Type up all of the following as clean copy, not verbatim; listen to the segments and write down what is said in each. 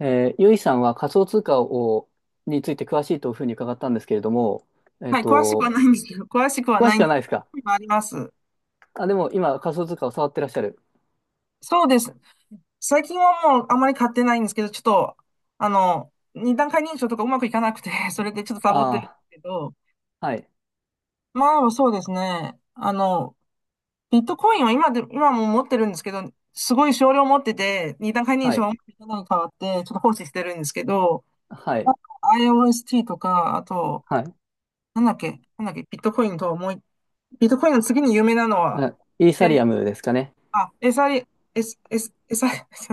ゆいさんは仮想通貨について詳しいというふうに伺ったんですけれども、えっはい、詳しくはと、ないんですけど、詳しくは詳なしいくんではすないですか？けど、あります。あ、でも今仮想通貨を触ってらっしゃる。そうです。最近はもうあまり買ってないんですけど、ちょっと、二段階認証とかうまくいかなくて、それでちょっとサボってるんであすけど、あ、はい、まあそうですね。ビットコインは今も持ってるんですけど、すごい少量持ってて、二段階認は証がうい、まくいかないに変わって、ちょっと放置してるんですけど、はあ い、IOST とか、あと、はい。なんだっけ、ビットコインの次に有名なのは、あ、イーサリえアムですかね。エサリ、エス、エサ、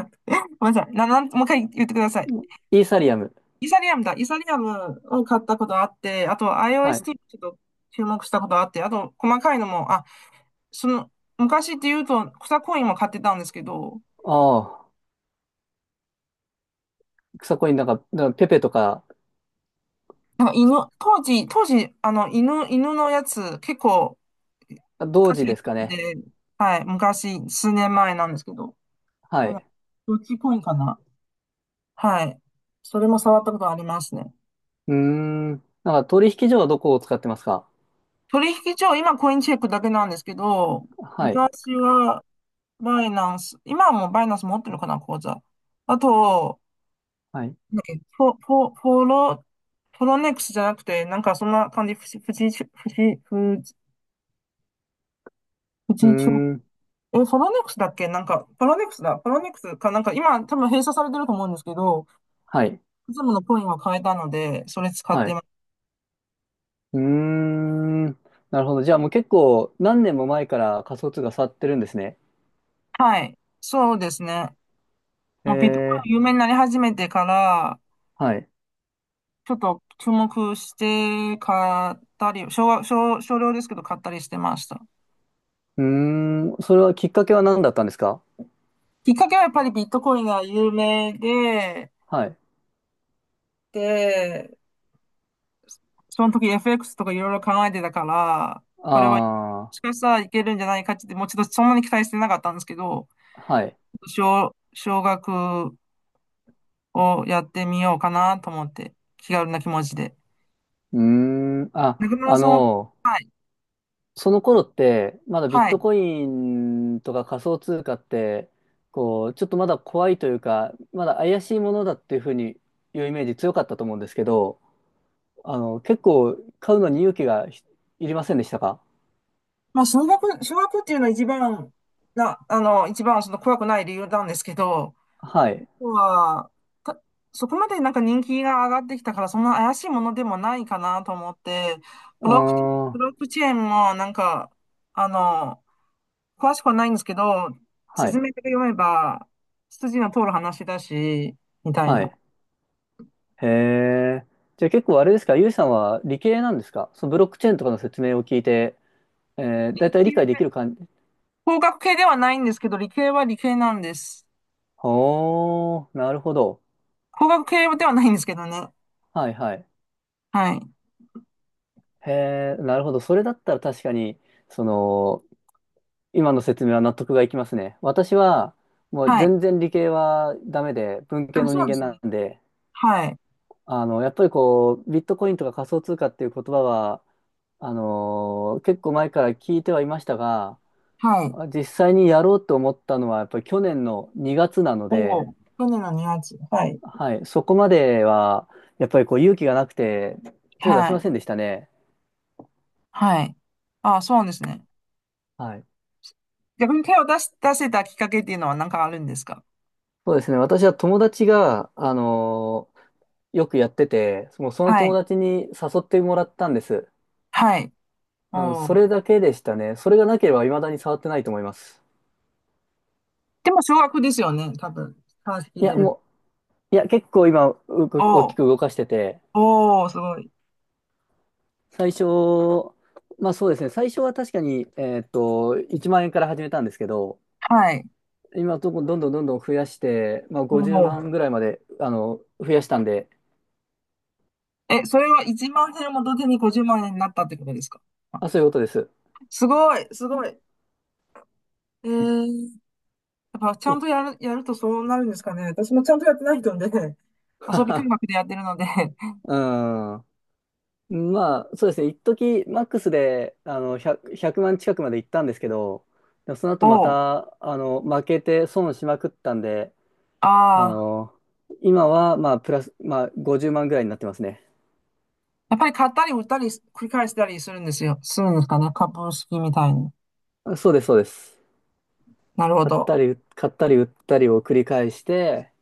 ごめんなさい。な、なん、もう一回言ってください。イーサリアム。イサリアムだ。イサリアムを買ったことあって、あと は iOST ちい。ょっと注目したことあって、あと細かいのも、その、昔って言うと草コインも買ってたんですけど、ああ、草コインなんか、なんかペペとか。なんか犬、当時、犬のやつ結構、同時で昔すかね？で、はい、昔、数年前なんですけど、はあの、い。どっちコインかな。はい。それも触ったことありますね。うーん。なんか取引所はどこを使ってますか？取引所、今コインチェックだけなんですけど、はい、昔はバイナンス、今はもうバイナンス持ってるかな、口座。あと、はい。うなんだっけ、フォ、フォ、フォロ、フォロネックスじゃなくて、なんかそんな感じ、富士、富士ー町。ん。フォロネックスだっけなんか、フォロネックスだ。フォロネックスか、なんか今多分閉鎖されてると思うんですけど、はい、いつものコインは買えたので、それ使っはてまい。す。うーん。なるほど。じゃあもう結構何年も前から仮想通貨触ってるんですね。はい。そうですね。へもうビットコえ。イン有名になり始めてから、はい。ちょっと注目して買ったり、少は、少、少量ですけど買ったりしてました。うーん。それはきっかけは何だったんですか？きっかけはやっぱりビットコインが有名はい。で、その時 FX とかいろいろ考えてたから、これはもあしかしたらいけるんじゃないかって、もうちょっとそんなに期待してなかったんですけど、あ。はい。少額をやってみようかなと思って、気軽な気持ちで。うーん。あ、中村さんは、はい、その頃って、まだビッはトい。コインとか仮想通貨って、こう、ちょっとまだ怖いというか、まだ怪しいものだっていうふうにいうイメージ強かったと思うんですけど、結構買うのに勇気がいりませんでしたか？まあ、少額っていうのは一番その怖くない理由なんですけど、はい。は、た、そこまでなんか人気が上がってきたから、そんな怪しいものでもないかなと思って、あブロック、ブあ、ロックチェーンもなんか、あの、詳しくはないんですけど、は説い、明だけ読めば、筋の通る話だし、みたいはな。い。へえ。じゃあ結構あれですか、ゆいさんは理系なんですか？そのブロックチェーンとかの説明を聞いて、だいたい理解できる感じ。工学系ではないんですけど、理系は理系なんです。ほー、なるほど。工学系ではないんですけどね。はい、はい。はい。へえ、なるほど。それだったら確かに、その、今の説明は納得がいきますね。私は、もうはい。全然理系はダメで、文系あ、のそう人で間すね。なんで、はい。やっぱりこう、ビットコインとか仮想通貨っていう言葉は、結構前から聞いてはいましたが、はい。あ、実際にやろうと思ったのは、やっぱり去年の2月なのおお、で、去年の2月。はい。はい、そこまでは、やっぱりこう勇気がなくて、手出はせまい。せんでしたね。はい。あ、そうですね。はい。逆に手を出し、出せたきっかけっていうのは何かあるんですか？そうですね。私は友達が、よくやってて、もうそのは友い。達に誘ってもらったんです。はい。うん、おそー。れだけでしたね。それがなければ未だに触ってないと思います。でも小学ですよね、多分。話聞いいてや、る。もう、いや、結構今、大おきくー。動かしてて、おーすごい。最初、まあそうですね。最初は確かに、1万円から始めたんですけど、はい。今どんどんどんどんどんどん増やして、まあ、お50ー万ぐらいまで、増やしたんで、え、それは1万円も元手に50万円になったってことですか？ああ、そういうことです。すごい、すごい。ー、やっぱちゃい んとやるとそうなるんですかね。私もちゃんとやってない人で、遊び感覚で やってるので。うん。まあ、そうですね。一時マックスで、100万近くまで行ったんですけど、でもその 後まおーた、負けて損しまくったんで、あああ、の、今は、まあ、プラス、まあ、50万ぐらいになってますね。やっぱり買ったり売ったり繰り返したりするんですよ。するんですかね。株式みたいに。あ、そうです、そうです。なるほど。買ったり売ったりを繰り返して、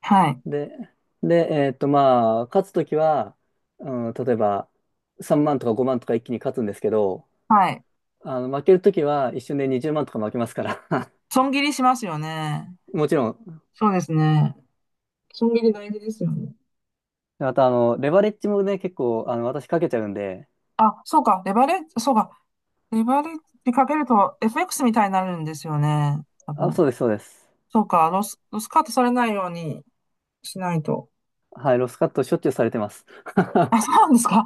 はい。で、で、まあ、勝つときは、うん、例えば、3万とか5万とか一気に勝つんですけど、はい。負けるときは一瞬で20万とか負けますから 損切りしますよね。もちろん、そうですね。損切り大事ですよね。また、レバレッジもね、結構、私かけちゃうんで、あ、そうか。レバレッジ、そうか。レバレッジかけると FX みたいになるんですよね。多あ、分。そうです、そうです。そうか。ロスカットされないようにしないと。はい、ロスカットしょっちゅうされてます。あ、そうなんですか。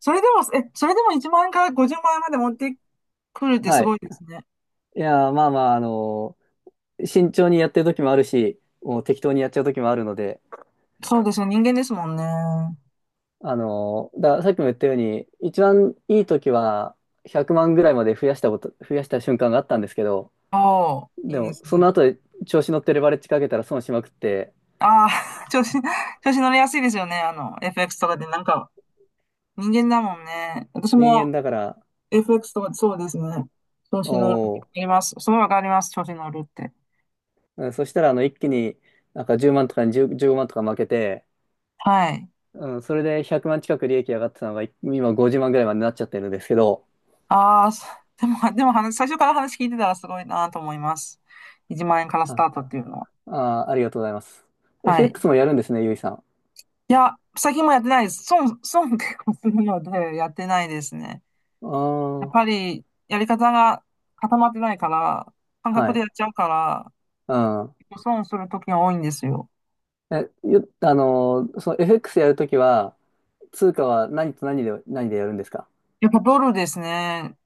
それでも1万円から50万円まで持ってくるってはすごい。いですね。いやー、まあまあ、慎重にやってるときもあるし、もう適当にやっちゃうときもあるので、そうですよ。人間ですもんね。さっきも言ったように、一番いい時は100万ぐらいまで増やした瞬間があったんですけど、おー、いでいでも、すそね。の後で調子乗ってレバレッジかけたら損しまくって、ああ、調子乗りやすいですよね。FX とかでなんか人間だもんね。私人も 間だから、FX とかそうですね。調お子乗る。わかー、ります。それはわかります。調子乗るって。うん。そしたら、一気になんか10万とかに10、15万とか負けて、はい。うん、それで100万近く利益上がってたのが、今50万ぐらいまでなっちゃってるんですけど、ああ、でも最初から話聞いてたらすごいなと思います。1万円からスタあ、ートっていうのは。あー、ありがとうございます。はい。FX もやるんですね、ゆいさん。いや、最近もやってないです。損、損結構するので、やってないですね。あやっぱあ、り、やり方が固まってないから、感覚はでい。やっちゃうから、うん。結構損する時が多いんですよ。え、よ、あのー、その FX やるときは、通貨は何と何で、何でやるんですか？やっぱドルですね。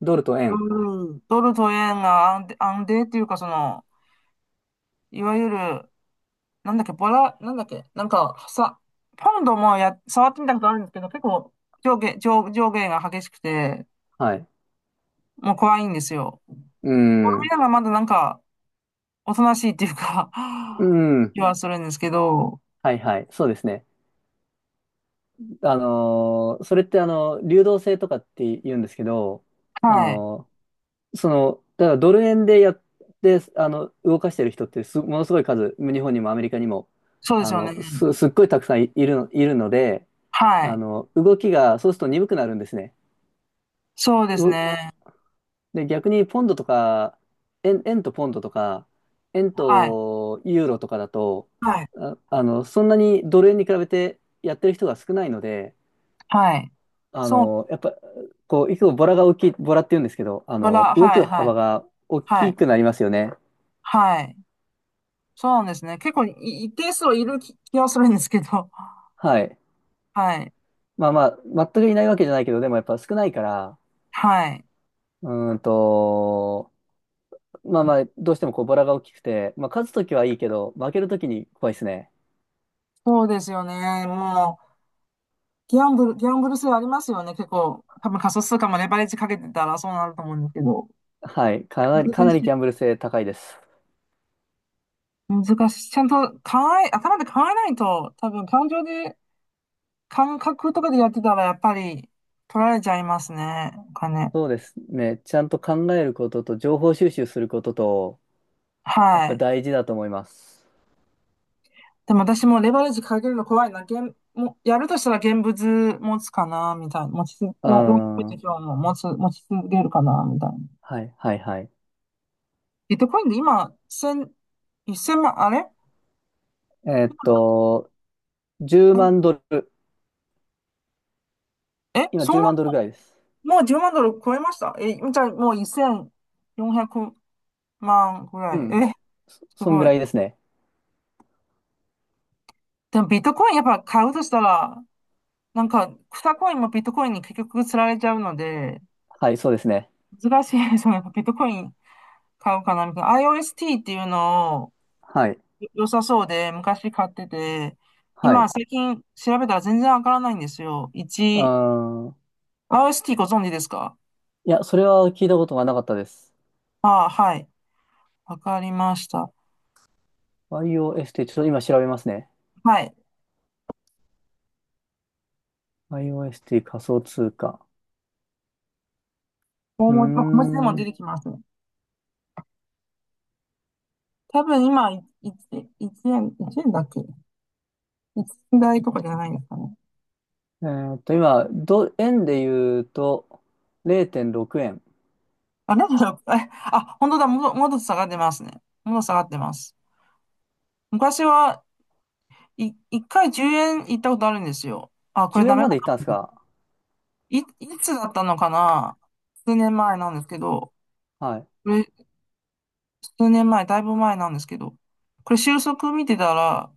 ドルと円。うん、ドルと円が安定っていうか、いわゆる、なんだっけ、ボラ、なんだっけ、なんか、さ、ポンドもや、触ってみたことあるんですけど、結構、上下が激しくて、はい。もう怖いんですよ。うドルん。円がまだなんか、おとなしいっていうか う ん。気はするんですけど、はいはい。そうですね。それって流動性とかって言うんですけど、あはい。のだからドル円でやって、動かしてる人ってものすごい数、日本にもアメリカにも、そうですよね。すっごいたくさんいるので、はい。動きが、そうすると鈍くなるんですね。そうですね。で、逆にポンドとか、円とポンドとか、円はい。とユーロとかだと、はい。そんなにドル円に比べてやってる人が少ないので、はい。そう、やっぱ、こう、いつもボラが大きい、ボラって言うんですけど、ボラ、動はくい、はい、幅が大はきい、くなりますよね。はい。そうなんですね。結構一定数はいる気はするんですけど。はい。はい。まあまあ、全くいないわけじゃないけど、でもやっぱ少ないから、はい。うーんと、まあまあ、どうしてもこうボラが大きくて、まあ、勝つときはいいけど、負けるときに怖いですね。そうですよね。もう、ギャンブル性ありますよね。結構、多分仮想通貨もレバレッジかけてたらそうなると思うんですけど。はい。かなり、か難なしりい。ギャンブル性高いです。難しい。ちゃんと頭で考えないと、多分感情で、感覚とかでやってたらやっぱり取られちゃいますね。お金。そうですね。ちゃんと考えることと、情報収集することと、やっはぱい。大事だと思います。でも私もレバレッジかけるの怖いな。もやるとしたら現物持つかな、みたいな。持ちつ、もう持ちつ、大ん。きい手は帳も持ち続けるかな、みたいな。い、はい、はい。ビットコインで今、一千万、あれえーっと、10万ドル。え、今そん10な、万ドルぐらいです。もう10万ドル超えましたえ、じゃあもう1400万ぐうらい。ん。え、すそんぐごらい。いですね。でもビットコインやっぱ買うとしたら、なんか、草コインもビットコインに結局釣られちゃうので、はい、そうですね。難しいですよね。ビットコイン買うかなみたいな。IOST っていうのを、はい、良さそうで、昔買ってて、は今い。最近調べたら全然わからないんですよ。う1、ん。い RST ご存知ですか？や、それは聞いたことがなかったです。ああ、はい。わかりました。i o s t ちょっと今調べますね。はい。IOST 仮想通貨。大うー文字、ま小文字でも出ん。てきます。多分今、1円、1円だっけ？ 1 台とかじゃないんですかね。今、円で言うと0.6円。あ、なんだろう。本当だ。もっと下がってますね。もっと下がってます。昔は、1回10円行ったことあるんですよ。あ、これ10ダ円メだまで行ったんですな。か？いつだったのかな。数年前なんですけど、はい。これ、数年前、だいぶ前なんですけど、これ収束見てたら、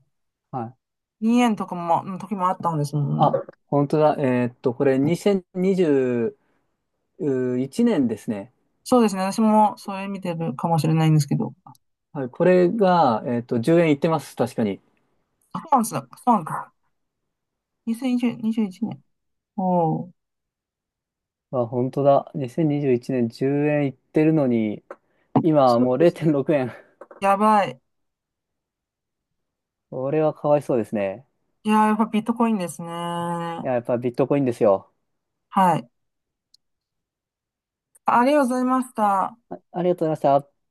はい。2円とかも、の時もあったんですもんあ、ね。本当だ。これ2021年ですね。そうですね。私もそれ見てるかもしれないんですけど。はい。これが、10円行ってます。確かに。あ、そうなんですか。そうなんですか。2020、21年。おお。あ、本当だ。2021年10円行ってるのに、今はそもううですね。0.6円。やばい。これはかわいそうですね。いやー、やっぱビットコインですね。いはや、やっぱビットコインですよ。い。ありがとうございました。あ、ありがとうございました。